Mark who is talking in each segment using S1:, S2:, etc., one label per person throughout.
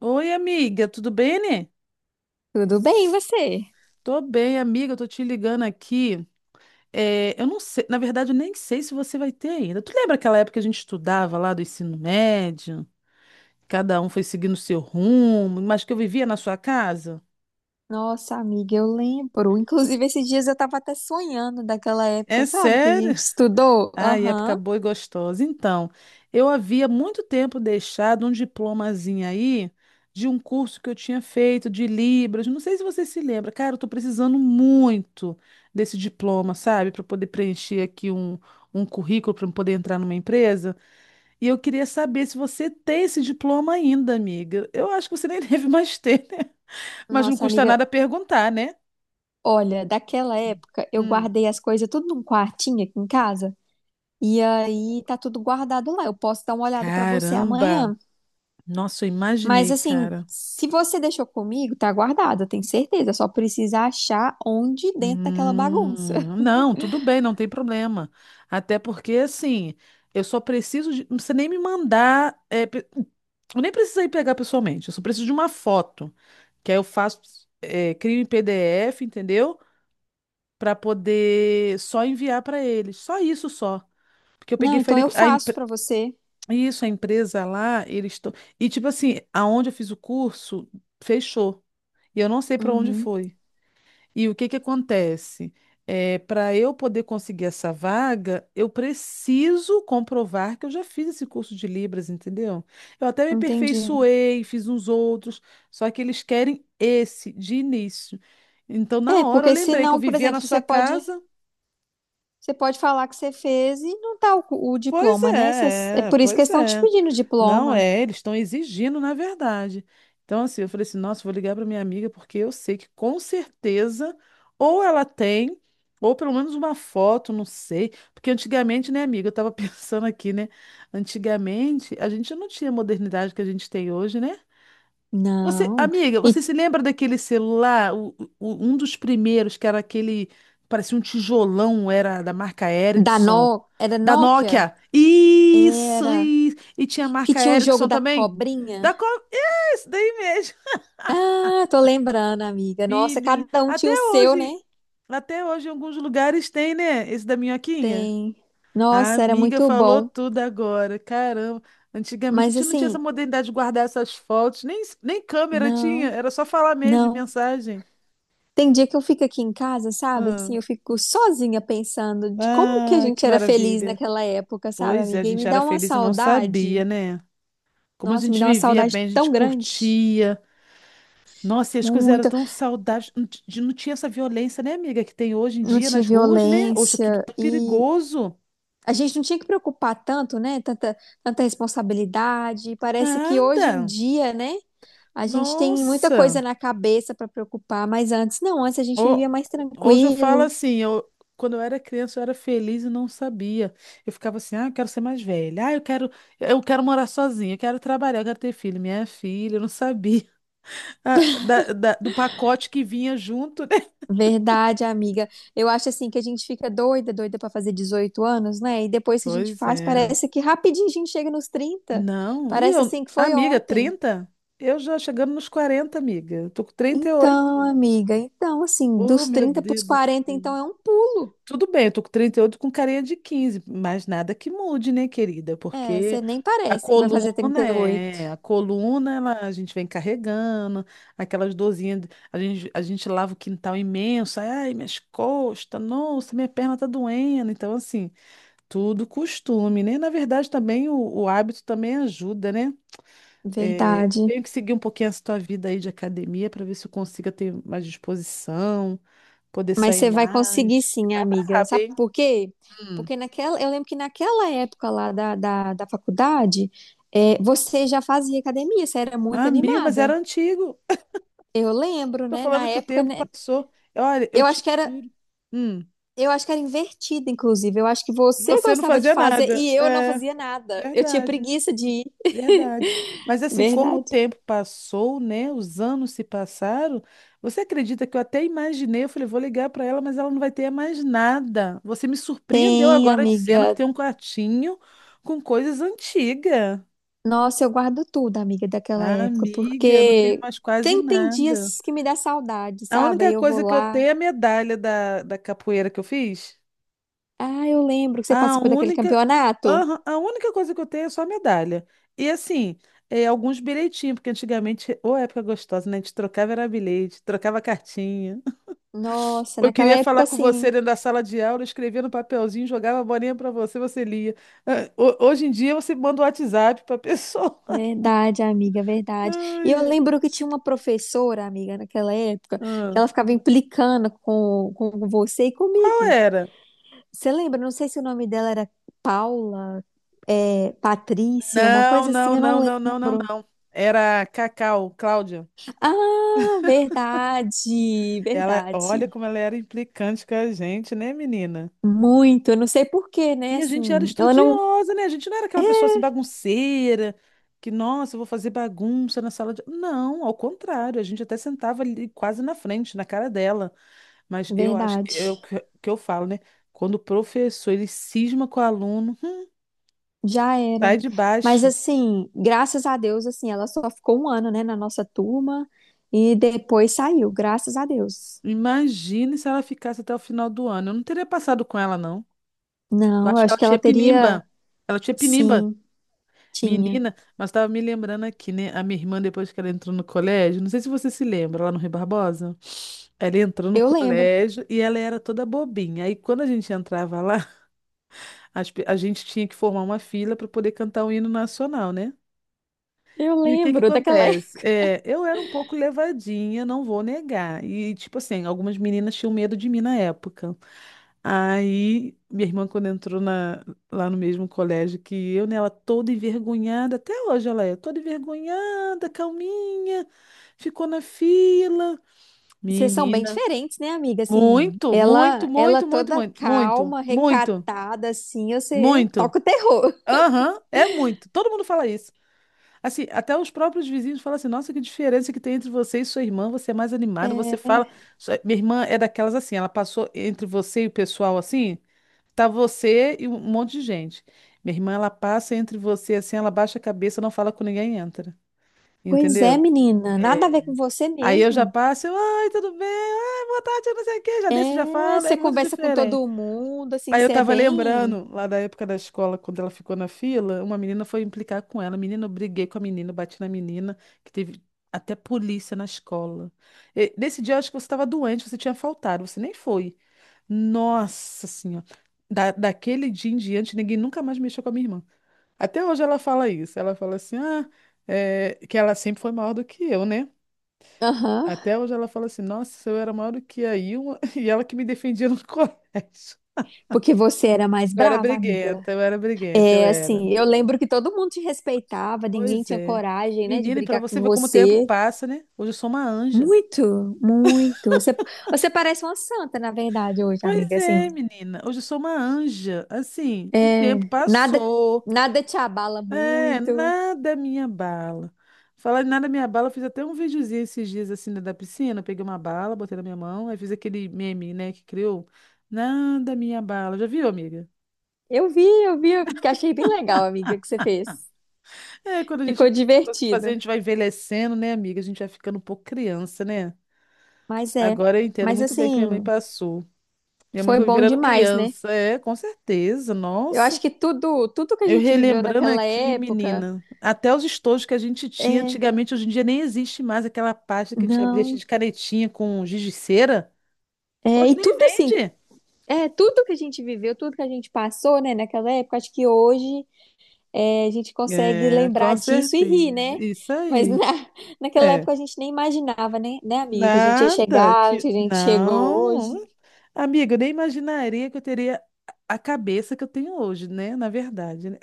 S1: Oi, amiga, tudo bem, né?
S2: Tudo bem, e você?
S1: Tô bem, amiga, eu tô te ligando aqui. É, eu não sei, na verdade, eu nem sei se você vai ter ainda. Tu lembra aquela época que a gente estudava lá do ensino médio? Cada um foi seguindo o seu rumo, mas que eu vivia na sua casa?
S2: Nossa, amiga, eu lembro. Inclusive, esses dias eu tava até sonhando daquela época,
S1: É
S2: sabe? Que a
S1: sério?
S2: gente estudou.
S1: Ai,
S2: Aham.
S1: época boa e gostosa. Então, eu havia muito tempo deixado um diplomazinho aí de um curso que eu tinha feito de Libras. Não sei se você se lembra. Cara, eu tô precisando muito desse diploma, sabe? Para poder preencher aqui um currículo para poder entrar numa empresa. E eu queria saber se você tem esse diploma ainda, amiga. Eu acho que você nem deve mais ter, né? Mas não
S2: Nossa,
S1: custa
S2: amiga,
S1: nada perguntar, né?
S2: olha, daquela época eu
S1: Hum.
S2: guardei as coisas tudo num quartinho aqui em casa. E aí tá tudo guardado lá. Eu posso dar uma olhada pra você
S1: Caramba!
S2: amanhã.
S1: Nossa, eu
S2: Mas
S1: imaginei,
S2: assim,
S1: cara.
S2: se você deixou comigo, tá guardado, eu tenho certeza. Só precisa achar onde dentro daquela bagunça.
S1: Não, tudo bem, não tem problema. Até porque, assim, eu só preciso de. Não precisa nem me mandar. Eu nem preciso ir pegar pessoalmente, eu só preciso de uma foto. Que aí eu faço, crio em PDF, entendeu? Pra poder só enviar pra eles. Só isso só. Porque eu peguei,
S2: Não, então
S1: falei,
S2: eu faço pra você.
S1: isso, a empresa lá, eles estão. E, tipo assim, aonde eu fiz o curso, fechou. E eu não sei pra onde
S2: Uhum,
S1: foi. E o que que acontece? É, para eu poder conseguir essa vaga, eu preciso comprovar que eu já fiz esse curso de Libras, entendeu? Eu até me
S2: entendi.
S1: aperfeiçoei, fiz uns outros, só que eles querem esse de início. Então, na
S2: É,
S1: hora, eu
S2: porque
S1: lembrei que eu
S2: senão, por
S1: vivia na
S2: exemplo,
S1: sua
S2: você pode,
S1: casa.
S2: você pode falar que você fez e não tá o
S1: Pois
S2: diploma, né? Essas- é
S1: é,
S2: por isso que
S1: pois
S2: eles estão te
S1: é.
S2: pedindo
S1: Não
S2: diploma.
S1: é, eles estão exigindo, na verdade. Então, assim, eu falei assim, nossa, vou ligar para minha amiga porque eu sei que com certeza ou ela tem, ou pelo menos uma foto, não sei. Porque antigamente, né, amiga, eu tava pensando aqui, né? Antigamente a gente não tinha a modernidade que a gente tem hoje, né? Você,
S2: Não.
S1: amiga, você
S2: E
S1: se lembra daquele celular, um dos primeiros que era aquele, parecia um tijolão, era da marca
S2: da
S1: Ericsson,
S2: No, era
S1: da
S2: Nokia?
S1: Nokia. Isso,
S2: Era.
S1: isso. E tinha a
S2: Que
S1: marca
S2: tinha o jogo
S1: Ericsson
S2: da
S1: também.
S2: cobrinha?
S1: Da qual? Esse daí mesmo.
S2: Ah, tô lembrando, amiga. Nossa,
S1: Menina,
S2: cada um tinha o seu, né?
S1: até hoje em alguns lugares tem, né? Esse da minhoquinha.
S2: Tem.
S1: A
S2: Nossa, era
S1: amiga
S2: muito
S1: falou
S2: bom.
S1: tudo agora. Caramba, antigamente a
S2: Mas
S1: gente não tinha essa
S2: assim,
S1: modernidade de guardar essas fotos, nem câmera tinha,
S2: não,
S1: era só falar mesmo,
S2: não.
S1: mensagem.
S2: Tem dia que eu fico aqui em casa, sabe?
S1: Ah,
S2: Assim, eu fico sozinha pensando de como que a
S1: ah, que
S2: gente era feliz
S1: maravilha.
S2: naquela época, sabe,
S1: Pois é, a
S2: amiga? E me
S1: gente
S2: dá
S1: era
S2: uma
S1: feliz e não
S2: saudade.
S1: sabia, né? Como a
S2: Nossa, me
S1: gente
S2: dá uma
S1: vivia
S2: saudade
S1: bem, a gente
S2: tão grande.
S1: curtia. Nossa, e as coisas eram
S2: Muito.
S1: tão saudáveis. Não, não tinha essa violência, né, amiga, que tem hoje em
S2: Não
S1: dia
S2: tinha
S1: nas ruas, né? Hoje é tudo
S2: violência
S1: tão
S2: e
S1: perigoso.
S2: a gente não tinha que preocupar tanto, né? Tanta responsabilidade. E parece que hoje em
S1: Nada.
S2: dia, né? A gente tem muita coisa
S1: Nossa.
S2: na cabeça para preocupar, mas antes não, antes a gente
S1: Ho-
S2: vivia mais
S1: hoje eu falo
S2: tranquilo.
S1: assim, quando eu era criança eu era feliz e não sabia. Eu ficava assim, ah, eu quero ser mais velha. Ah, eu quero morar sozinha, eu quero trabalhar, eu quero ter filho. Minha filha, eu não sabia. Ah, do pacote que vinha junto, né?
S2: Verdade, amiga. Eu acho assim que a gente fica doida pra fazer 18 anos, né? E depois que a gente
S1: Pois
S2: faz,
S1: é.
S2: parece que rapidinho a gente chega nos 30.
S1: Não, e
S2: Parece
S1: eu,
S2: assim que foi
S1: amiga,
S2: ontem.
S1: 30? Eu já chegando nos 40, amiga. Eu tô com trinta e
S2: Então,
S1: oito.
S2: amiga, então assim,
S1: Oh,
S2: dos
S1: meu
S2: 30
S1: Deus
S2: pros
S1: do
S2: 40,
S1: céu.
S2: então é um pulo.
S1: Tudo bem, eu tô com 38 com carinha de 15, mas nada que mude, né, querida?
S2: É, você
S1: Porque
S2: nem parece que vai fazer trinta e oito.
S1: a coluna, ela, a gente vem carregando aquelas dorzinhas, a gente lava o quintal imenso, ai, minhas costas, nossa, minha perna tá doendo. Então, assim, tudo costume, né? Na verdade, também o hábito também ajuda, né? É, eu
S2: Verdade.
S1: tenho que seguir um pouquinho essa tua vida aí de academia para ver se eu consigo ter mais disposição, poder
S2: Mas
S1: sair
S2: você vai conseguir
S1: mais. Porque
S2: sim,
S1: tá
S2: amiga.
S1: brabo,
S2: Sabe
S1: hein?
S2: por quê?
S1: Hum.
S2: Porque naquela, eu lembro que naquela época lá da faculdade, você já fazia academia, você era muito
S1: Amigo, mas
S2: animada.
S1: era antigo.
S2: Eu lembro,
S1: Tô
S2: né? Na
S1: falando que o
S2: época,
S1: tempo
S2: né?
S1: passou. Olha, eu
S2: Eu acho
S1: te
S2: que era,
S1: juro. Hum,
S2: eu acho que era invertido, inclusive. Eu acho que você
S1: você não
S2: gostava de
S1: fazia
S2: fazer
S1: nada.
S2: e eu não
S1: É,
S2: fazia nada. Eu tinha
S1: verdade.
S2: preguiça de ir.
S1: Verdade. Mas assim, como o
S2: Verdade.
S1: tempo passou, né? Os anos se passaram. Você acredita que eu até imaginei? Eu falei, vou ligar para ela, mas ela não vai ter mais nada. Você me surpreendeu
S2: Tem,
S1: agora dizendo que
S2: amiga.
S1: tem um quartinho com coisas antigas.
S2: Nossa, eu guardo tudo, amiga, daquela
S1: Ah,
S2: época,
S1: amiga, eu não tenho
S2: porque
S1: mais quase
S2: tem, tem
S1: nada.
S2: dias que me dá saudade,
S1: A
S2: sabe? Aí
S1: única
S2: eu vou
S1: coisa que eu
S2: lá.
S1: tenho é a medalha da capoeira que eu fiz.
S2: Ah, eu lembro que você
S1: A
S2: participou daquele
S1: única,
S2: campeonato.
S1: Aham, a única coisa que eu tenho é só a medalha. E assim, alguns bilhetinhos, porque antigamente, ô época gostosa, né? A gente trocava era bilhete, trocava cartinha.
S2: Nossa,
S1: Eu
S2: naquela
S1: queria
S2: época,
S1: falar com você
S2: assim.
S1: dentro da sala de aula, eu escrevia no papelzinho, jogava a bolinha pra você, você lia. Ah, hoje em dia você manda o WhatsApp pra pessoa.
S2: Verdade, amiga, verdade. E
S1: Ai,
S2: eu
S1: ai.
S2: lembro que tinha uma professora, amiga, naquela época, que
S1: Ah,
S2: ela ficava implicando com você e
S1: qual
S2: comigo.
S1: era?
S2: Você lembra? Não sei se o nome dela era Paula, Patrícia, uma
S1: Não,
S2: coisa assim,
S1: não,
S2: eu não
S1: não, não, não, não,
S2: lembro.
S1: não. Era a Cacau, Cláudia.
S2: Ah, verdade,
S1: Ela,
S2: verdade.
S1: olha como ela era implicante com a gente, né, menina?
S2: Muito, eu não sei por quê, né?
S1: E a gente era
S2: Assim, ela não.
S1: estudiosa, né? A gente não era aquela pessoa assim bagunceira, que, nossa, eu vou fazer bagunça na sala de. Não, ao contrário, a gente até sentava ali quase na frente, na cara dela. Mas eu acho,
S2: Verdade.
S1: é o que que eu falo, né? Quando o professor ele cisma com o aluno,
S2: Já
S1: sai
S2: era.
S1: de
S2: Mas
S1: baixo.
S2: assim, graças a Deus, assim, ela só ficou um ano, né, na nossa turma e depois saiu, graças a Deus.
S1: Imagine se ela ficasse até o final do ano. Eu não teria passado com ela, não. Eu
S2: Não, eu
S1: acho que
S2: acho
S1: ela
S2: que ela
S1: tinha
S2: teria,
S1: pinimba. Ela tinha pinimba.
S2: sim, tinha.
S1: Menina, mas estava me lembrando aqui, né? A minha irmã, depois que ela entrou no colégio, não sei se você se lembra, lá no Rui Barbosa, ela entrou no
S2: Eu lembro.
S1: colégio e ela era toda bobinha. Aí quando a gente entrava lá, a gente tinha que formar uma fila para poder cantar o hino nacional, né?
S2: Eu
S1: E o que que
S2: lembro daquela
S1: acontece?
S2: época.
S1: É, eu era um pouco levadinha, não vou negar. E, tipo assim, algumas meninas tinham medo de mim na época. Aí, minha irmã, quando entrou lá no mesmo colégio que eu, né, ela toda envergonhada, até hoje ela é toda envergonhada, calminha, ficou na fila.
S2: Vocês são bem
S1: Menina,
S2: diferentes, né, amiga? Assim,
S1: muito, muito,
S2: ela
S1: muito, muito,
S2: toda
S1: muito, muito,
S2: calma,
S1: muito,
S2: recatada, assim, você
S1: muito.
S2: toca o terror.
S1: Aham, é muito. Todo mundo fala isso. Assim, até os próprios vizinhos falam assim: nossa, que diferença que tem entre você e sua irmã, você é mais animada, você
S2: É,
S1: fala. Minha irmã é daquelas assim, ela passou entre você e o pessoal assim, tá você e um monte de gente. Minha irmã, ela passa entre você assim, ela baixa a cabeça, não fala com ninguém e entra.
S2: pois é,
S1: Entendeu?
S2: menina, nada a ver com você
S1: Aí eu já
S2: mesmo.
S1: passo, eu, oi, tudo bem? Ai, boa tarde, não sei o quê, já desço, já
S2: É,
S1: falo, é
S2: você
S1: muito
S2: conversa com
S1: diferente.
S2: todo mundo, assim,
S1: Aí eu
S2: você é
S1: tava
S2: bem.
S1: lembrando, lá da época da escola, quando ela ficou na fila, uma menina foi implicar com ela. Menina, eu briguei com a menina, bati na menina, que teve até polícia na escola. E nesse dia, eu acho que você estava doente, você tinha faltado, você nem foi. Nossa Senhora. Daquele dia em diante, ninguém nunca mais mexeu com a minha irmã. Até hoje ela fala isso. Ela fala assim, ah, que ela sempre foi maior do que eu, né?
S2: Aham.
S1: Até hoje ela fala assim, nossa, eu era maior do que a Ilma, e ela que me defendia no colégio.
S2: Porque você era mais
S1: Eu era
S2: brava, amiga.
S1: briguenta, eu era briguenta, eu
S2: É,
S1: era.
S2: assim, eu lembro que todo mundo te respeitava, ninguém
S1: Pois
S2: tinha
S1: é.
S2: coragem, né, de
S1: Menina, e para
S2: brigar com
S1: você ver como o tempo
S2: você.
S1: passa, né? Hoje eu sou uma anja.
S2: Muito, muito. Você, você parece uma santa, na verdade, hoje,
S1: Pois
S2: amiga. Assim,
S1: é, menina. Hoje eu sou uma anja. Assim, o tempo
S2: nada,
S1: passou.
S2: nada te abala
S1: É,
S2: muito.
S1: nada me abala. Falar em nada me abala, eu fiz até um videozinho esses dias assim da piscina. Eu peguei uma bala, botei na minha mão, aí fiz aquele meme, né, que criou. Nada me abala. Já viu, amiga?
S2: Eu vi, eu vi, eu que achei bem legal, amiga, que você fez.
S1: É, quando a gente
S2: Ficou
S1: não tem muita coisa que fazer, a
S2: divertido.
S1: gente vai envelhecendo, né, amiga? A gente vai ficando um pouco criança, né?
S2: Mas é,
S1: Agora eu entendo
S2: mas
S1: muito bem o que minha mãe
S2: assim,
S1: passou. Minha mãe
S2: foi
S1: foi
S2: bom
S1: virando
S2: demais, né?
S1: criança. É, com certeza.
S2: Eu acho
S1: Nossa.
S2: que tudo, tudo que a
S1: Eu
S2: gente viveu
S1: relembrando
S2: naquela
S1: aqui,
S2: época,
S1: menina, até os estojos que a gente tinha
S2: é,
S1: antigamente, hoje em dia nem existe mais aquela pasta que a gente abria cheia
S2: não.
S1: de canetinha com giz de cera.
S2: É,
S1: Hoje
S2: e
S1: nem
S2: tudo assim,
S1: vende.
S2: tudo que a gente viveu, tudo que a gente passou, né, naquela época, acho que hoje a gente consegue
S1: É,
S2: lembrar
S1: com
S2: disso e rir,
S1: certeza.
S2: né?
S1: Isso
S2: Mas na
S1: aí.
S2: naquela
S1: É.
S2: época a gente nem imaginava, né, amiga? Que a gente ia
S1: Nada
S2: chegar,
S1: que.
S2: onde a gente chegou
S1: Não.
S2: hoje.
S1: Amiga, eu nem imaginaria que eu teria a cabeça que eu tenho hoje, né? Na verdade, né?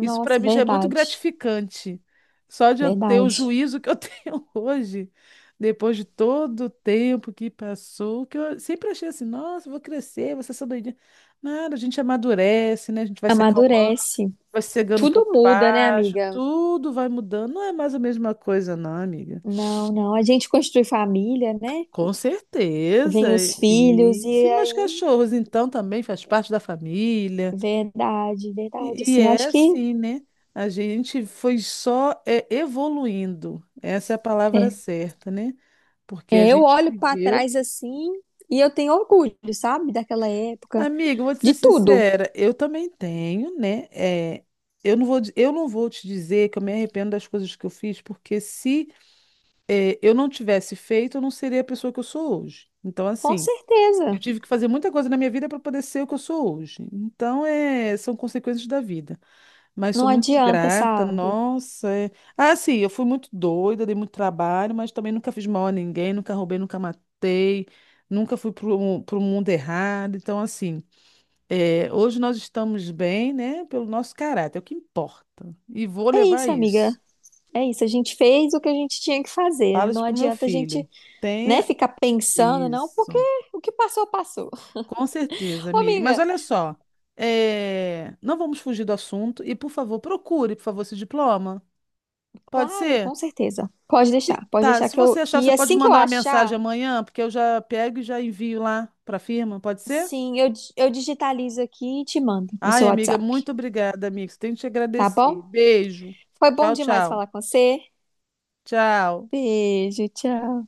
S1: Isso para mim já é muito
S2: verdade,
S1: gratificante. Só de eu ter o
S2: verdade.
S1: juízo que eu tenho hoje, depois de todo o tempo que passou, que eu sempre achei assim, nossa, eu vou crescer, vou ser essa doidinha. Nada, a gente amadurece, né? A gente vai se acalmando,
S2: Amadurece.
S1: vai cegando um
S2: Tudo
S1: pouco
S2: muda, né,
S1: baixo,
S2: amiga?
S1: tudo vai mudando. Não é mais a mesma coisa, não, amiga.
S2: Não, não. A gente constitui família, né?
S1: Com certeza.
S2: Vem os filhos,
S1: E e
S2: e
S1: se meus
S2: aí.
S1: cachorros, então, também faz parte da família.
S2: Verdade, verdade.
S1: E
S2: Assim, eu
S1: é
S2: acho que.
S1: assim, né? A gente foi só evoluindo. Essa é a palavra
S2: é,
S1: certa, né? Porque a
S2: É, eu
S1: gente
S2: olho pra
S1: viveu.
S2: trás assim e eu tenho orgulho, sabe, daquela época,
S1: Amiga, eu vou te ser
S2: de tudo,
S1: sincera, eu também tenho, né? É, eu não vou, eu não vou te dizer que eu me arrependo das coisas que eu fiz, porque se eu não tivesse feito, eu não seria a pessoa que eu sou hoje. Então,
S2: com
S1: assim, eu
S2: certeza.
S1: tive que fazer muita coisa na minha vida para poder ser o que eu sou hoje. Então, são consequências da vida. Mas
S2: Não
S1: sou muito
S2: adianta,
S1: grata,
S2: sabe?
S1: nossa. Ah, sim, eu fui muito doida, dei muito trabalho, mas também nunca fiz mal a ninguém, nunca roubei, nunca matei, nunca fui para o mundo errado. Então, assim, hoje nós estamos bem, né, pelo nosso caráter, é o que importa. E vou
S2: É
S1: levar
S2: isso, amiga.
S1: isso.
S2: É isso. A gente fez o que a gente tinha que fazer.
S1: Falo
S2: Não
S1: isso pro meu
S2: adianta a gente,
S1: filho.
S2: né,
S1: Tenha
S2: ficar pensando, não, porque
S1: isso.
S2: o que passou, passou.
S1: Com certeza,
S2: Ô,
S1: amiga. Mas
S2: amiga,
S1: olha só, não vamos fugir do assunto e, por favor, procure, por favor, esse diploma. Pode
S2: claro,
S1: ser?
S2: com certeza. Pode
S1: Tá,
S2: deixar
S1: se
S2: que
S1: você
S2: eu,
S1: achar,
S2: que
S1: você pode
S2: assim que eu
S1: mandar uma mensagem
S2: achar,
S1: amanhã, porque eu já pego e já envio lá para a firma, pode ser?
S2: sim, eu digitalizo aqui e te mando no seu
S1: Ai, amiga,
S2: WhatsApp,
S1: muito obrigada, amiga. Tenho que te
S2: tá
S1: agradecer.
S2: bom?
S1: Beijo.
S2: Foi bom
S1: Tchau,
S2: demais
S1: tchau.
S2: falar com você.
S1: Tchau.
S2: Beijo, tchau.